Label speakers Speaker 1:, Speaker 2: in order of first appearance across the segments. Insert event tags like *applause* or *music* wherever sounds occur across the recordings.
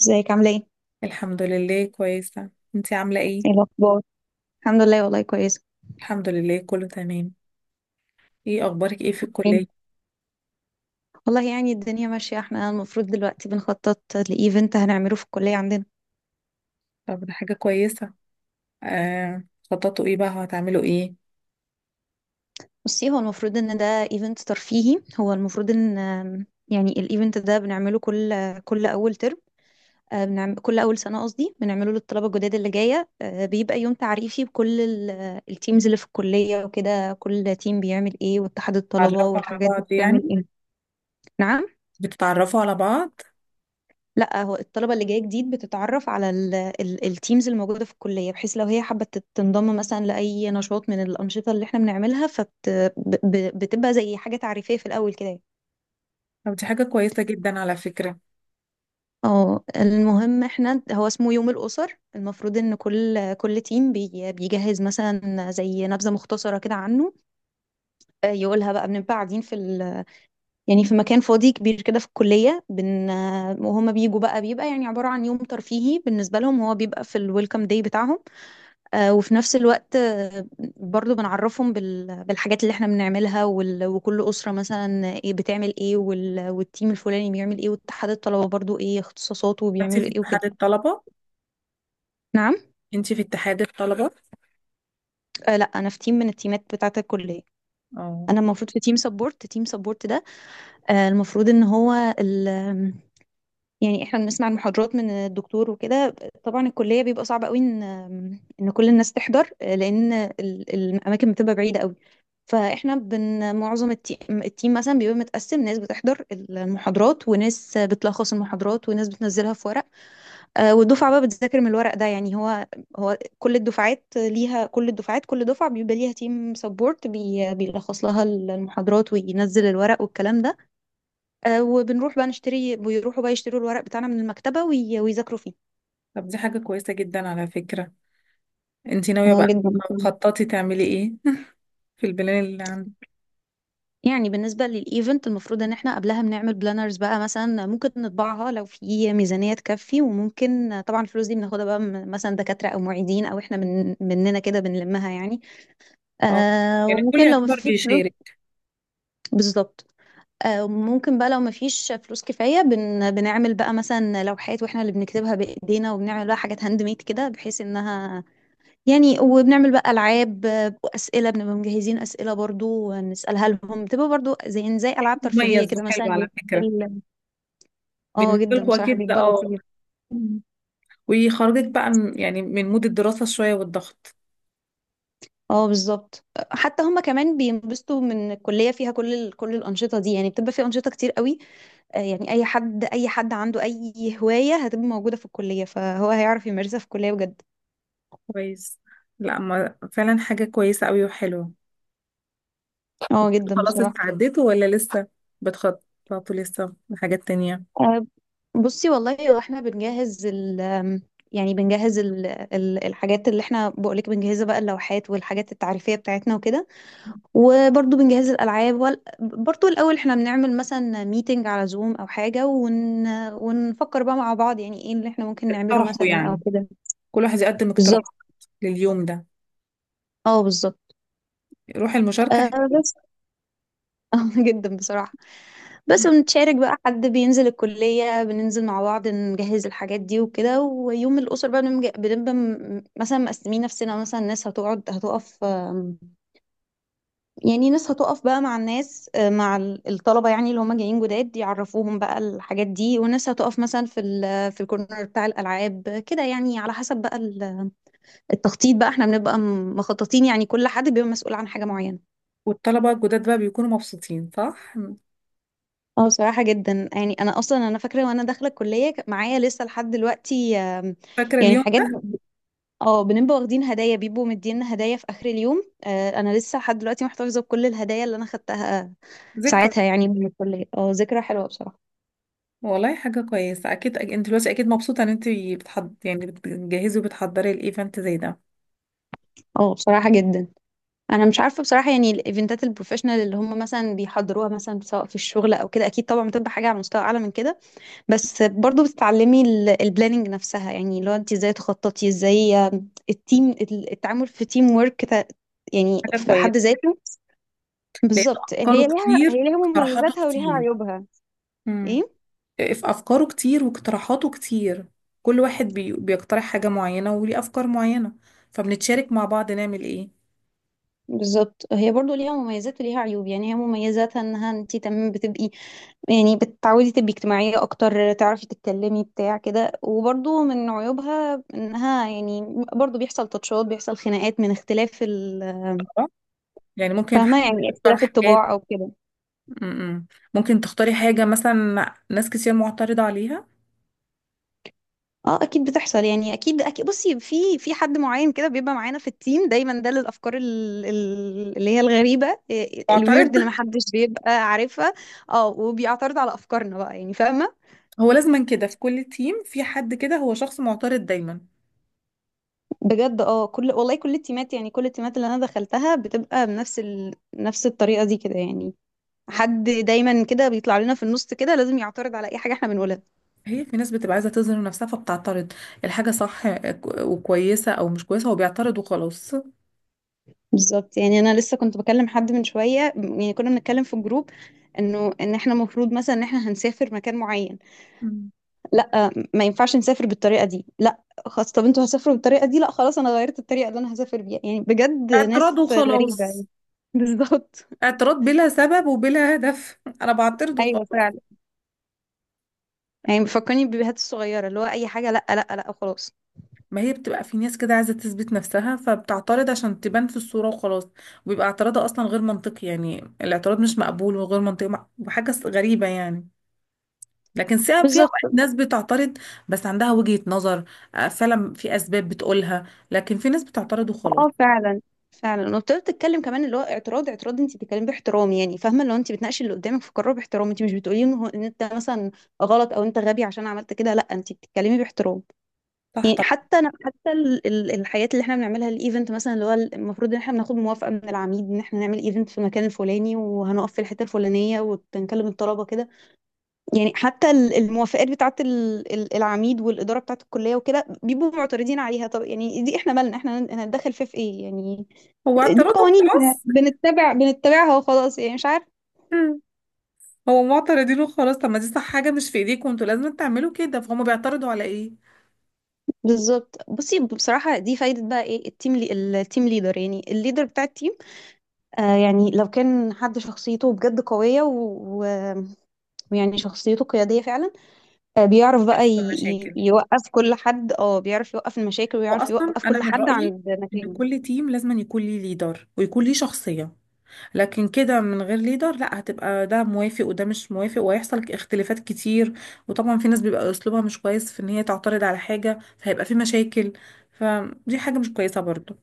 Speaker 1: ازيك عامله ايه؟
Speaker 2: الحمد لله كويسة. انتي عاملة ايه؟
Speaker 1: ايه الاخبار؟ الحمد لله، والله كويسه.
Speaker 2: الحمد لله كله تمام. ايه اخبارك ايه في
Speaker 1: إيه؟
Speaker 2: الكلية؟
Speaker 1: والله يعني الدنيا ماشيه، احنا المفروض دلوقتي بنخطط لايفنت هنعمله في الكليه عندنا.
Speaker 2: طب ده حاجة كويسة. آه. خططوا ايه بقى، هتعملوا ايه؟
Speaker 1: بصي، هو المفروض ان ده ايفنت ترفيهي، هو المفروض ان يعني الايفنت ده بنعمله كل اول ترم. بنعمل كل اول سنه، قصدي بنعمله للطلبه الجداد اللي جايه، بيبقى يوم تعريفي بكل التيمز اللي في الكليه وكده، كل تيم بيعمل ايه واتحاد الطلبه
Speaker 2: تعرفوا على
Speaker 1: والحاجات دي
Speaker 2: بعض
Speaker 1: بتعمل
Speaker 2: يعني؟
Speaker 1: ايه. نعم.
Speaker 2: بتتعرفوا على بعض؟
Speaker 1: لا، هو الطلبة اللي جاية جديد بتتعرف على ال التيمز الموجودة في الكلية، بحيث لو هي حابة تنضم مثلا لأي نشاط من الأنشطة اللي احنا بنعملها، بتبقى زي حاجة تعريفية في الأول كده.
Speaker 2: طب دي حاجة كويسة جدا على فكرة.
Speaker 1: اه، المهم احنا هو اسمه يوم الأسر، المفروض ان كل تيم بيجهز مثلا زي نبذة مختصرة كده عنه. يقولها بقى، بنبقى قاعدين في ال، يعني في مكان فاضي كبير كده في الكلية، وهم بيجوا بقى، بيبقى يعني عبارة عن يوم ترفيهي بالنسبة لهم، هو بيبقى في الويلكم داي بتاعهم. وفي نفس الوقت، برضو بنعرفهم بالحاجات اللي احنا بنعملها، وكل أسرة مثلا ايه بتعمل ايه، والتيم الفلاني بيعمل ايه، واتحاد الطلبة برضو ايه اختصاصاته
Speaker 2: انتي
Speaker 1: وبيعملوا
Speaker 2: في
Speaker 1: ايه وكده.
Speaker 2: اتحاد الطلبة؟
Speaker 1: نعم.
Speaker 2: انتي في اتحاد الطلبة؟
Speaker 1: آه لا، انا في تيم من التيمات بتاعة الكلية.
Speaker 2: اه.
Speaker 1: انا المفروض في تيم سبورت، تيم سبورت ده. آه، المفروض ان هو، يعني احنا بنسمع المحاضرات من الدكتور وكده. طبعا الكلية بيبقى صعب قوي ان كل الناس تحضر، لان الاماكن بتبقى بعيدة قوي. فاحنا بن، معظم التيم مثلا بيبقى متقسم، ناس بتحضر المحاضرات وناس بتلخص المحاضرات وناس بتنزلها في ورق. والدفعة بقى بتذاكر من الورق ده. يعني هو، هو كل الدفعات ليها، كل الدفعات، كل دفعة بيبقى ليها تيم سبورت بيلخص لها المحاضرات وينزل الورق والكلام ده. وبنروح بقى نشتري، بيروحوا بقى يشتروا الورق بتاعنا من المكتبة ويذاكروا فيه.
Speaker 2: طب دي حاجة كويسة جدا على فكرة. انتي ناوية
Speaker 1: اه
Speaker 2: بقى
Speaker 1: جدا بصراحة.
Speaker 2: خططي تعملي ايه *laughs* في البلان اللي عندك؟
Speaker 1: يعني بالنسبة للإيفنت، المفروض إن إحنا قبلها بنعمل بلانرز بقى، مثلا ممكن نطبعها لو في ميزانية تكفي، وممكن طبعا الفلوس دي بناخدها بقى من مثلا دكاترة أو معيدين أو إحنا من مننا كده بنلمها يعني.
Speaker 2: اه،
Speaker 1: آه،
Speaker 2: يعني الكل
Speaker 1: وممكن لو
Speaker 2: يعتبر
Speaker 1: مفيش فلوس.
Speaker 2: بيشارك.
Speaker 1: بالظبط. آه، ممكن بقى لو مفيش فلوس كفاية، بن بنعمل بقى مثلا لوحات وإحنا اللي بنكتبها بإيدينا، وبنعمل بقى حاجات هاند ميد كده بحيث إنها، يعني. وبنعمل بقى ألعاب وأسئلة، بنبقى مجهزين أسئلة برضو نسألها لهم، بتبقى برضو زي ألعاب ترفيهية
Speaker 2: مميز
Speaker 1: كده، مثلا
Speaker 2: وحلو على
Speaker 1: ال-،
Speaker 2: فكرة
Speaker 1: ال-. اه
Speaker 2: بالنسبة
Speaker 1: جدا
Speaker 2: لكم،
Speaker 1: بصراحة،
Speaker 2: أكيد ده
Speaker 1: بيبقى
Speaker 2: اه.
Speaker 1: لطيف.
Speaker 2: ويخرجك بقى يعني من مود الدراسة شوية والضغط.
Speaker 1: اه بالظبط. حتى هما كمان بينبسطوا من الكلية، فيها كل الأنشطة دي، يعني بتبقى في أنشطة كتير قوي. يعني أي حد عنده أي هواية هتبقى موجودة في الكلية، فهو هيعرف يمارسها في الكلية بجد.
Speaker 2: كويس. لا، ما فعلا حاجة كويسة قوي وحلوة.
Speaker 1: اه جدا
Speaker 2: خلاص،
Speaker 1: بصراحة.
Speaker 2: استعديتوا ولا لسه بتخططوا لسه لحاجات تانية؟
Speaker 1: آه، بصي، والله واحنا بنجهز ال، يعني بنجهز ال الحاجات اللي احنا بقولك بنجهزها بقى، اللوحات والحاجات التعريفية بتاعتنا وكده. وبرضو بنجهز الألعاب برضو الأول احنا بنعمل مثلا ميتنج على زوم أو حاجة، ون ونفكر بقى مع بعض يعني ايه اللي احنا ممكن نعمله
Speaker 2: اقترحوا
Speaker 1: مثلا أو
Speaker 2: يعني،
Speaker 1: كده.
Speaker 2: كل واحد يقدم اقتراح
Speaker 1: بالظبط.
Speaker 2: لليوم ده.
Speaker 1: اه بالظبط.
Speaker 2: روح المشاركة
Speaker 1: آه
Speaker 2: حلوة.
Speaker 1: بس *laughs* اه جدا بصراحة. بس بنتشارك بقى، حد بينزل الكلية، بننزل مع بعض نجهز الحاجات دي وكده. ويوم الأسر بقى بنبقى مثلا مقسمين نفسنا، مثلا ناس هتقعد هتقف، يعني ناس هتقف بقى مع الناس، مع الطلبة يعني اللي هم جايين جداد، يعرفوهم بقى الحاجات دي، وناس هتقف مثلا في الكورنر بتاع الألعاب كده، يعني على حسب بقى التخطيط بقى. احنا بنبقى مخططين، يعني كل حد بيبقى مسؤول عن حاجة معينة.
Speaker 2: والطلبة الجداد بقى بيكونوا مبسوطين، صح؟
Speaker 1: اه بصراحة جدا. يعني انا اصلا انا فاكرة وانا داخلة الكلية، معايا لسه لحد دلوقتي،
Speaker 2: فاكرة
Speaker 1: يعني
Speaker 2: اليوم
Speaker 1: حاجات، اه بنبقى واخدين هدايا، بيبقوا مدينا هدايا في اخر اليوم. انا لسه لحد دلوقتي محتفظة بكل الهدايا اللي انا خدتها
Speaker 2: ده؟ ذكرى.
Speaker 1: ساعتها، يعني من الكلية. اه، ذكرى حلوة بصراحة.
Speaker 2: والله حاجة كويسة أكيد. أنت دلوقتي أكيد مبسوطة إن أنت بتحض، يعني بتجهزي وبتحضري الإيفنت زي ده.
Speaker 1: اه بصراحة جدا. انا مش عارفة بصراحة، يعني الايفنتات البروفيشنال اللي هم مثلا بيحضروها مثلا سواء في الشغل او كده، اكيد طبعا بتبقى حاجة على مستوى اعلى من كده. بس برضو بتتعلمي البلاننج نفسها، يعني لو انت ازاي تخططي، ازاي التيم، التعامل في تيم ورك يعني
Speaker 2: حاجة
Speaker 1: في حد
Speaker 2: كويسة،
Speaker 1: ذاته.
Speaker 2: لأن
Speaker 1: بالظبط،
Speaker 2: أفكاره
Speaker 1: هي ليها
Speaker 2: كتير
Speaker 1: هي ليها
Speaker 2: واقتراحاته
Speaker 1: مميزاتها وليها
Speaker 2: كتير.
Speaker 1: عيوبها.
Speaker 2: مم.
Speaker 1: ايه
Speaker 2: في أفكاره كتير واقتراحاته كتير، كل واحد بيقترح حاجة معينة وليه أفكار معينة، فبنتشارك مع بعض نعمل إيه.
Speaker 1: بالظبط، هي برضو ليها مميزات وليها عيوب. يعني هي مميزاتها انها انت تمام بتبقي، يعني بتتعودي تبقي اجتماعية اكتر، تعرفي تتكلمي بتاع كده. وبرضو من عيوبها انها يعني برضو بيحصل تطشات، بيحصل خناقات من اختلاف ال-.
Speaker 2: آه، يعني ممكن حد
Speaker 1: فاهمة؟ يعني
Speaker 2: يختار
Speaker 1: اختلاف
Speaker 2: حاجات.
Speaker 1: الطباع او كده.
Speaker 2: م-م. ممكن تختاري حاجة مثلا ناس كتير معترضة عليها.
Speaker 1: اه اكيد بتحصل، يعني اكيد بصي، في حد معين كده بيبقى معانا في التيم دايما، ده للافكار اللي هي الغريبه،
Speaker 2: معترض.
Speaker 1: الويرد اللي محدش بيبقى عارفها. اه، وبيعترض على افكارنا بقى، يعني فاهمه.
Speaker 2: هو لازما كده في كل تيم في حد كده هو شخص معترض دايما.
Speaker 1: بجد اه، كل والله كل التيمات، يعني كل التيمات اللي انا دخلتها بتبقى بنفس نفس الطريقه دي كده، يعني حد دايما كده بيطلع لنا في النص كده، لازم يعترض على اي حاجه احنا بنقولها.
Speaker 2: هي في ناس بتبقى عايزة تظهر نفسها فبتعترض. الحاجة صح وكويسة أو مش كويسة، هو بيعترض وخلاص.
Speaker 1: بالظبط، يعني انا لسه كنت بكلم حد من شويه، يعني كنا بنتكلم في الجروب، انه ان احنا المفروض مثلا ان احنا هنسافر مكان معين.
Speaker 2: مم.
Speaker 1: لا ما ينفعش نسافر بالطريقه دي. لا خلاص، طب انتوا هتسافروا بالطريقه دي، لا خلاص انا غيرت الطريقه اللي انا هسافر بيها. يعني بجد
Speaker 2: اعتراض
Speaker 1: ناس غريبه
Speaker 2: وخلاص.
Speaker 1: يعني. *laughs* بالظبط.
Speaker 2: اعتراض بلا سبب وبلا هدف *laughs* انا بعترض
Speaker 1: ايوه
Speaker 2: وخلاص.
Speaker 1: فعلا، يعني بيفكرني بالبيبيهات الصغيره، اللي هو اي حاجه لا لا لا وخلاص.
Speaker 2: ما هي بتبقى في ناس كده عايزه تثبت نفسها فبتعترض عشان تبان في الصوره وخلاص. وبيبقى اعتراضها اصلا غير منطقي، يعني الاعتراض مش مقبول وغير منطقي وحاجه غريبه يعني. لكن في اوقات
Speaker 1: بالظبط.
Speaker 2: ناس بتعترض بس عندها وجهه نظر، آه، فعلا في اسباب بتقولها، لكن في ناس بتعترض وخلاص.
Speaker 1: اه فعلا. فعلا، وابتديت تتكلم كمان اللي هو اعتراض اعتراض. انت بتتكلمي باحترام، يعني فاهمه؟ لو انت بتناقشي اللي قدامك في قرار باحترام، انت مش بتقولي ان هو-، ان انت مثلا غلط او انت غبي عشان عملت كده، لا انت بتتكلمي باحترام.
Speaker 2: صح
Speaker 1: يعني
Speaker 2: طبعا.
Speaker 1: حتى حتى الحاجات اللي احنا بنعملها الايفنت مثلا، اللي هو المفروض ان احنا بناخد موافقه من العميد ان احنا نعمل ايفنت في المكان الفلاني وهنقف في الحته الفلانيه وبنكلم الطلبه كده. يعني حتى الموافقات بتاعه العميد والاداره بتاعه الكليه وكده، بيبقوا معترضين عليها. طب يعني دي، احنا مالنا؟ احنا هنتدخل فيه في ايه يعني؟
Speaker 2: هو
Speaker 1: دي
Speaker 2: اعتراضه
Speaker 1: قوانين احنا
Speaker 2: وخلاص.
Speaker 1: بنتبعها وخلاص، يعني مش عارف.
Speaker 2: مم. هو معترضين وخلاص. طب ما دي صح، حاجه مش في ايديكم، انتوا لازم تعملوا كده، فهم بيعترضوا على ايه؟
Speaker 1: بالظبط، بصي بصراحه، دي فايده بقى ايه التيم ليدر، يعني الليدر بتاع التيم. يعني لو كان حد شخصيته بجد قوية ويعني شخصيته قيادية فعلا، بيعرف بقى
Speaker 2: بيحصل مشاكل،
Speaker 1: يوقف كل حد. اه بيعرف يوقف المشاكل ويعرف
Speaker 2: واصلا
Speaker 1: يوقف
Speaker 2: انا
Speaker 1: كل
Speaker 2: من
Speaker 1: حد
Speaker 2: رايي
Speaker 1: عند
Speaker 2: ان
Speaker 1: مكانه.
Speaker 2: كل تيم لازم يكون ليه ليدر ويكون ليه شخصيه. لكن كده من غير ليدر، لا، هتبقى ده موافق وده مش موافق، وهيحصل اختلافات كتير. وطبعا في ناس بيبقى اسلوبها مش كويس في ان هي تعترض على حاجه، فهيبقى في مشاكل. فدي حاجه مش كويسه برضو.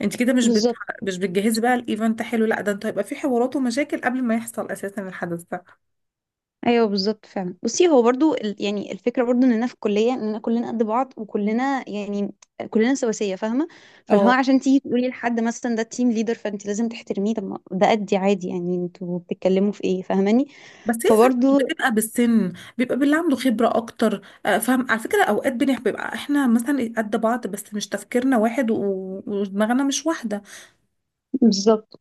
Speaker 2: انت كده
Speaker 1: بالظبط،
Speaker 2: مش بتجهزي بقى الايفنت حلو، لا ده انت هيبقى في حوارات ومشاكل قبل ما يحصل اساسا الحدث
Speaker 1: ايوه بالظبط فعلا. بصي هو برضو ال-، يعني الفكرة برضو اننا في الكلية اننا كلنا قد بعض، وكلنا يعني كلنا سواسية، فاهمة؟ فاللي هو
Speaker 2: ده.
Speaker 1: عشان تيجي تقولي لحد مثلا ده تيم ليدر، فانت لازم تحترميه، طب ما ده قدي عادي يعني، انتوا بتتكلموا في ايه؟ فاهماني؟
Speaker 2: بس هي ساعات مش
Speaker 1: فبرضو.
Speaker 2: بتبقى بالسن، بيبقى باللي عنده خبرة أكتر. آه، فاهم على فكرة، أوقات بيبقى إحنا مثلا قد بعض بس مش تفكيرنا واحد ودماغنا مش واحدة.
Speaker 1: بالظبط.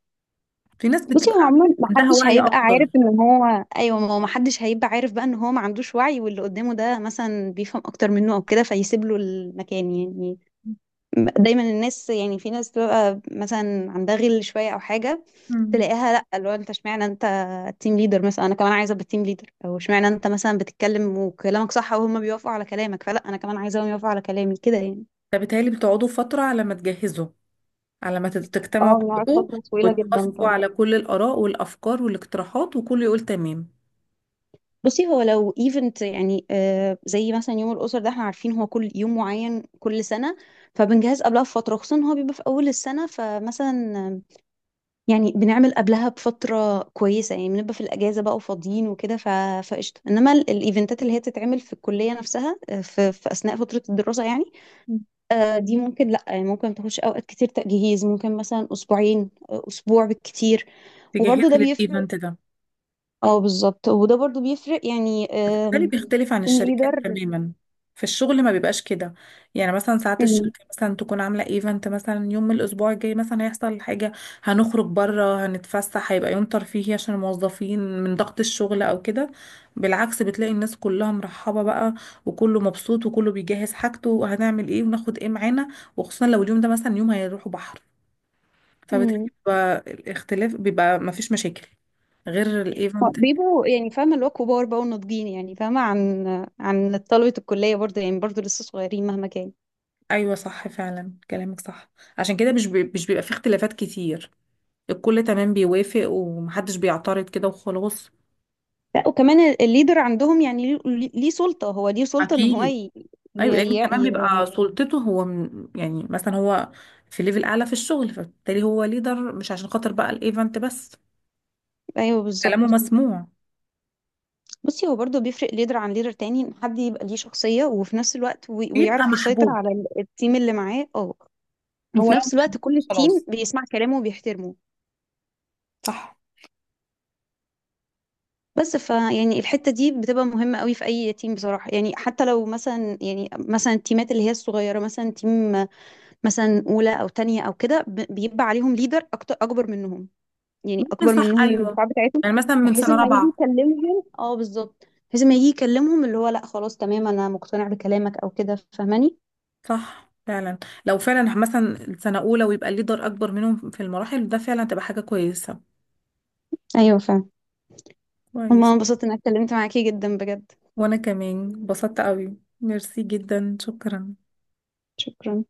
Speaker 2: في ناس
Speaker 1: بصي هو
Speaker 2: بتبقى
Speaker 1: عموما
Speaker 2: عندها
Speaker 1: محدش
Speaker 2: وعي
Speaker 1: هيبقى
Speaker 2: أكتر.
Speaker 1: عارف ان هو، ايوه ما هو محدش هيبقى عارف بقى ان هو ما عندوش وعي، واللي قدامه ده مثلا بيفهم اكتر منه او كده، فيسيب له المكان يعني. دايما الناس، يعني في ناس بتبقى مثلا عندها غل شويه او حاجه،
Speaker 2: مم.
Speaker 1: تلاقيها لا، اللي هو انت اشمعنى انت تيم ليدر مثلا، انا كمان عايزه ابقى تيم ليدر. او اشمعنى انت مثلا بتتكلم وكلامك صح وهم بيوافقوا على كلامك، فلا انا كمان عايزاهم يوافقوا على كلامي كده يعني.
Speaker 2: فبالتهيألي بتقعدوا فترة على ما تجهزوا، على ما تجتمعوا
Speaker 1: اه بنقعد
Speaker 2: كلكم
Speaker 1: فترة طويلة جدا
Speaker 2: وتوافقوا
Speaker 1: طبعا.
Speaker 2: على كل الآراء والأفكار والاقتراحات وكله يقول تمام.
Speaker 1: بصي هو لو ايفنت، يعني آه زي مثلا يوم الأسر ده، احنا عارفين هو كل يوم معين كل سنة، فبنجهز قبلها بفترة، خصوصا إن هو بيبقى في أول السنة. فمثلا، يعني بنعمل قبلها بفترة كويسة، يعني بنبقى في الأجازة بقى وفاضيين وكده، فقشطة. إنما الإيفنتات اللي هي تتعمل في الكلية نفسها، في أثناء فترة الدراسة يعني، آه دي ممكن لأ، يعني ممكن تخش أوقات كتير تجهيز، ممكن مثلا أسبوعين، أسبوع بالكتير.
Speaker 2: تجهزي
Speaker 1: وبرضه ده بيفرق.
Speaker 2: للإيفنت ده
Speaker 1: اه بالظبط، وده برضه بيفرق يعني،
Speaker 2: بالتالي بيختلف عن الشركات
Speaker 1: الليدر.
Speaker 2: تماما. في الشغل ما بيبقاش كده. يعني مثلا ساعات
Speaker 1: امم.
Speaker 2: الشركة مثلا تكون عاملة ايفنت مثلا يوم من الأسبوع الجاي، مثلا هيحصل حاجة، هنخرج بره هنتفسح، هيبقى يوم ترفيهي عشان الموظفين من ضغط الشغل أو كده. بالعكس، بتلاقي الناس كلها مرحبة بقى، وكله مبسوط وكله بيجهز حاجته، وهنعمل ايه وناخد ايه معانا، وخصوصا لو اليوم ده مثلا يوم هيروحوا بحر. فبالتالي
Speaker 1: امم.
Speaker 2: بيبقى الاختلاف، بيبقى مفيش مشاكل غير الايفنت.
Speaker 1: بيبقوا يعني فاهمة اللي هو كبار بقى وناضجين، يعني فاهمة، عن عن طلبة الكلية برضه يعني، برضه لسه صغيرين مهما كان.
Speaker 2: ايوه صح فعلا، كلامك صح. عشان كده مش بيبقى فيه اختلافات كتير، الكل تمام بيوافق ومحدش بيعترض كده وخلاص.
Speaker 1: لا وكمان الليدر عندهم يعني ليه سلطة، هو ليه سلطة ان هو
Speaker 2: اكيد.
Speaker 1: ي... ي...
Speaker 2: ايوه، لان
Speaker 1: ي...
Speaker 2: كمان بيبقى
Speaker 1: ي...
Speaker 2: سلطته هو من، يعني مثلا هو في ليفل اعلى في الشغل، فبالتالي هو ليدر مش عشان خاطر بقى الايفنت بس.
Speaker 1: ايوه
Speaker 2: كلامه
Speaker 1: بالظبط.
Speaker 2: مسموع.
Speaker 1: بصي هو برضه بيفرق ليدر عن ليدر تاني، ان حد يبقى ليه شخصية وفي نفس الوقت،
Speaker 2: بيبقى
Speaker 1: ويعرف يسيطر
Speaker 2: محبوب.
Speaker 1: على التيم اللي معاه. اه،
Speaker 2: هو
Speaker 1: وفي
Speaker 2: لو
Speaker 1: نفس الوقت
Speaker 2: محبوب
Speaker 1: كل التيم
Speaker 2: خلاص.
Speaker 1: بيسمع كلامه وبيحترمه.
Speaker 2: صح.
Speaker 1: بس فيعني الحتة دي بتبقى مهمة قوي في أي تيم بصراحة، يعني حتى لو مثلا، يعني مثلا التيمات اللي هي الصغيرة، مثلا تيم مثلا أولى أو تانية أو كده، بيبقى عليهم ليدر أكتر أكبر منهم، يعني
Speaker 2: ممكن
Speaker 1: أكبر
Speaker 2: صح
Speaker 1: منهم من
Speaker 2: ايوه،
Speaker 1: الدفعة بتاعتهم،
Speaker 2: يعني مثلا من
Speaker 1: بحيث
Speaker 2: سنه
Speaker 1: لما يجي
Speaker 2: رابعه.
Speaker 1: يكلمهم. اه بالظبط، بحيث لما يجي يكلمهم اللي هو لا خلاص تمام أنا مقتنع بكلامك، أو كده، فاهماني؟
Speaker 2: صح فعلا، لو فعلا مثلا سنه اولى ويبقى الليدر اكبر منهم في المراحل ده، فعلا تبقى حاجه كويسه.
Speaker 1: أيوه فاهم.
Speaker 2: كويس.
Speaker 1: هما انبسطت إن أنا اتكلمت معاكي جدا بجد.
Speaker 2: وانا كمان اتبسطت قوي، ميرسي جدا، شكرا.
Speaker 1: شكرا.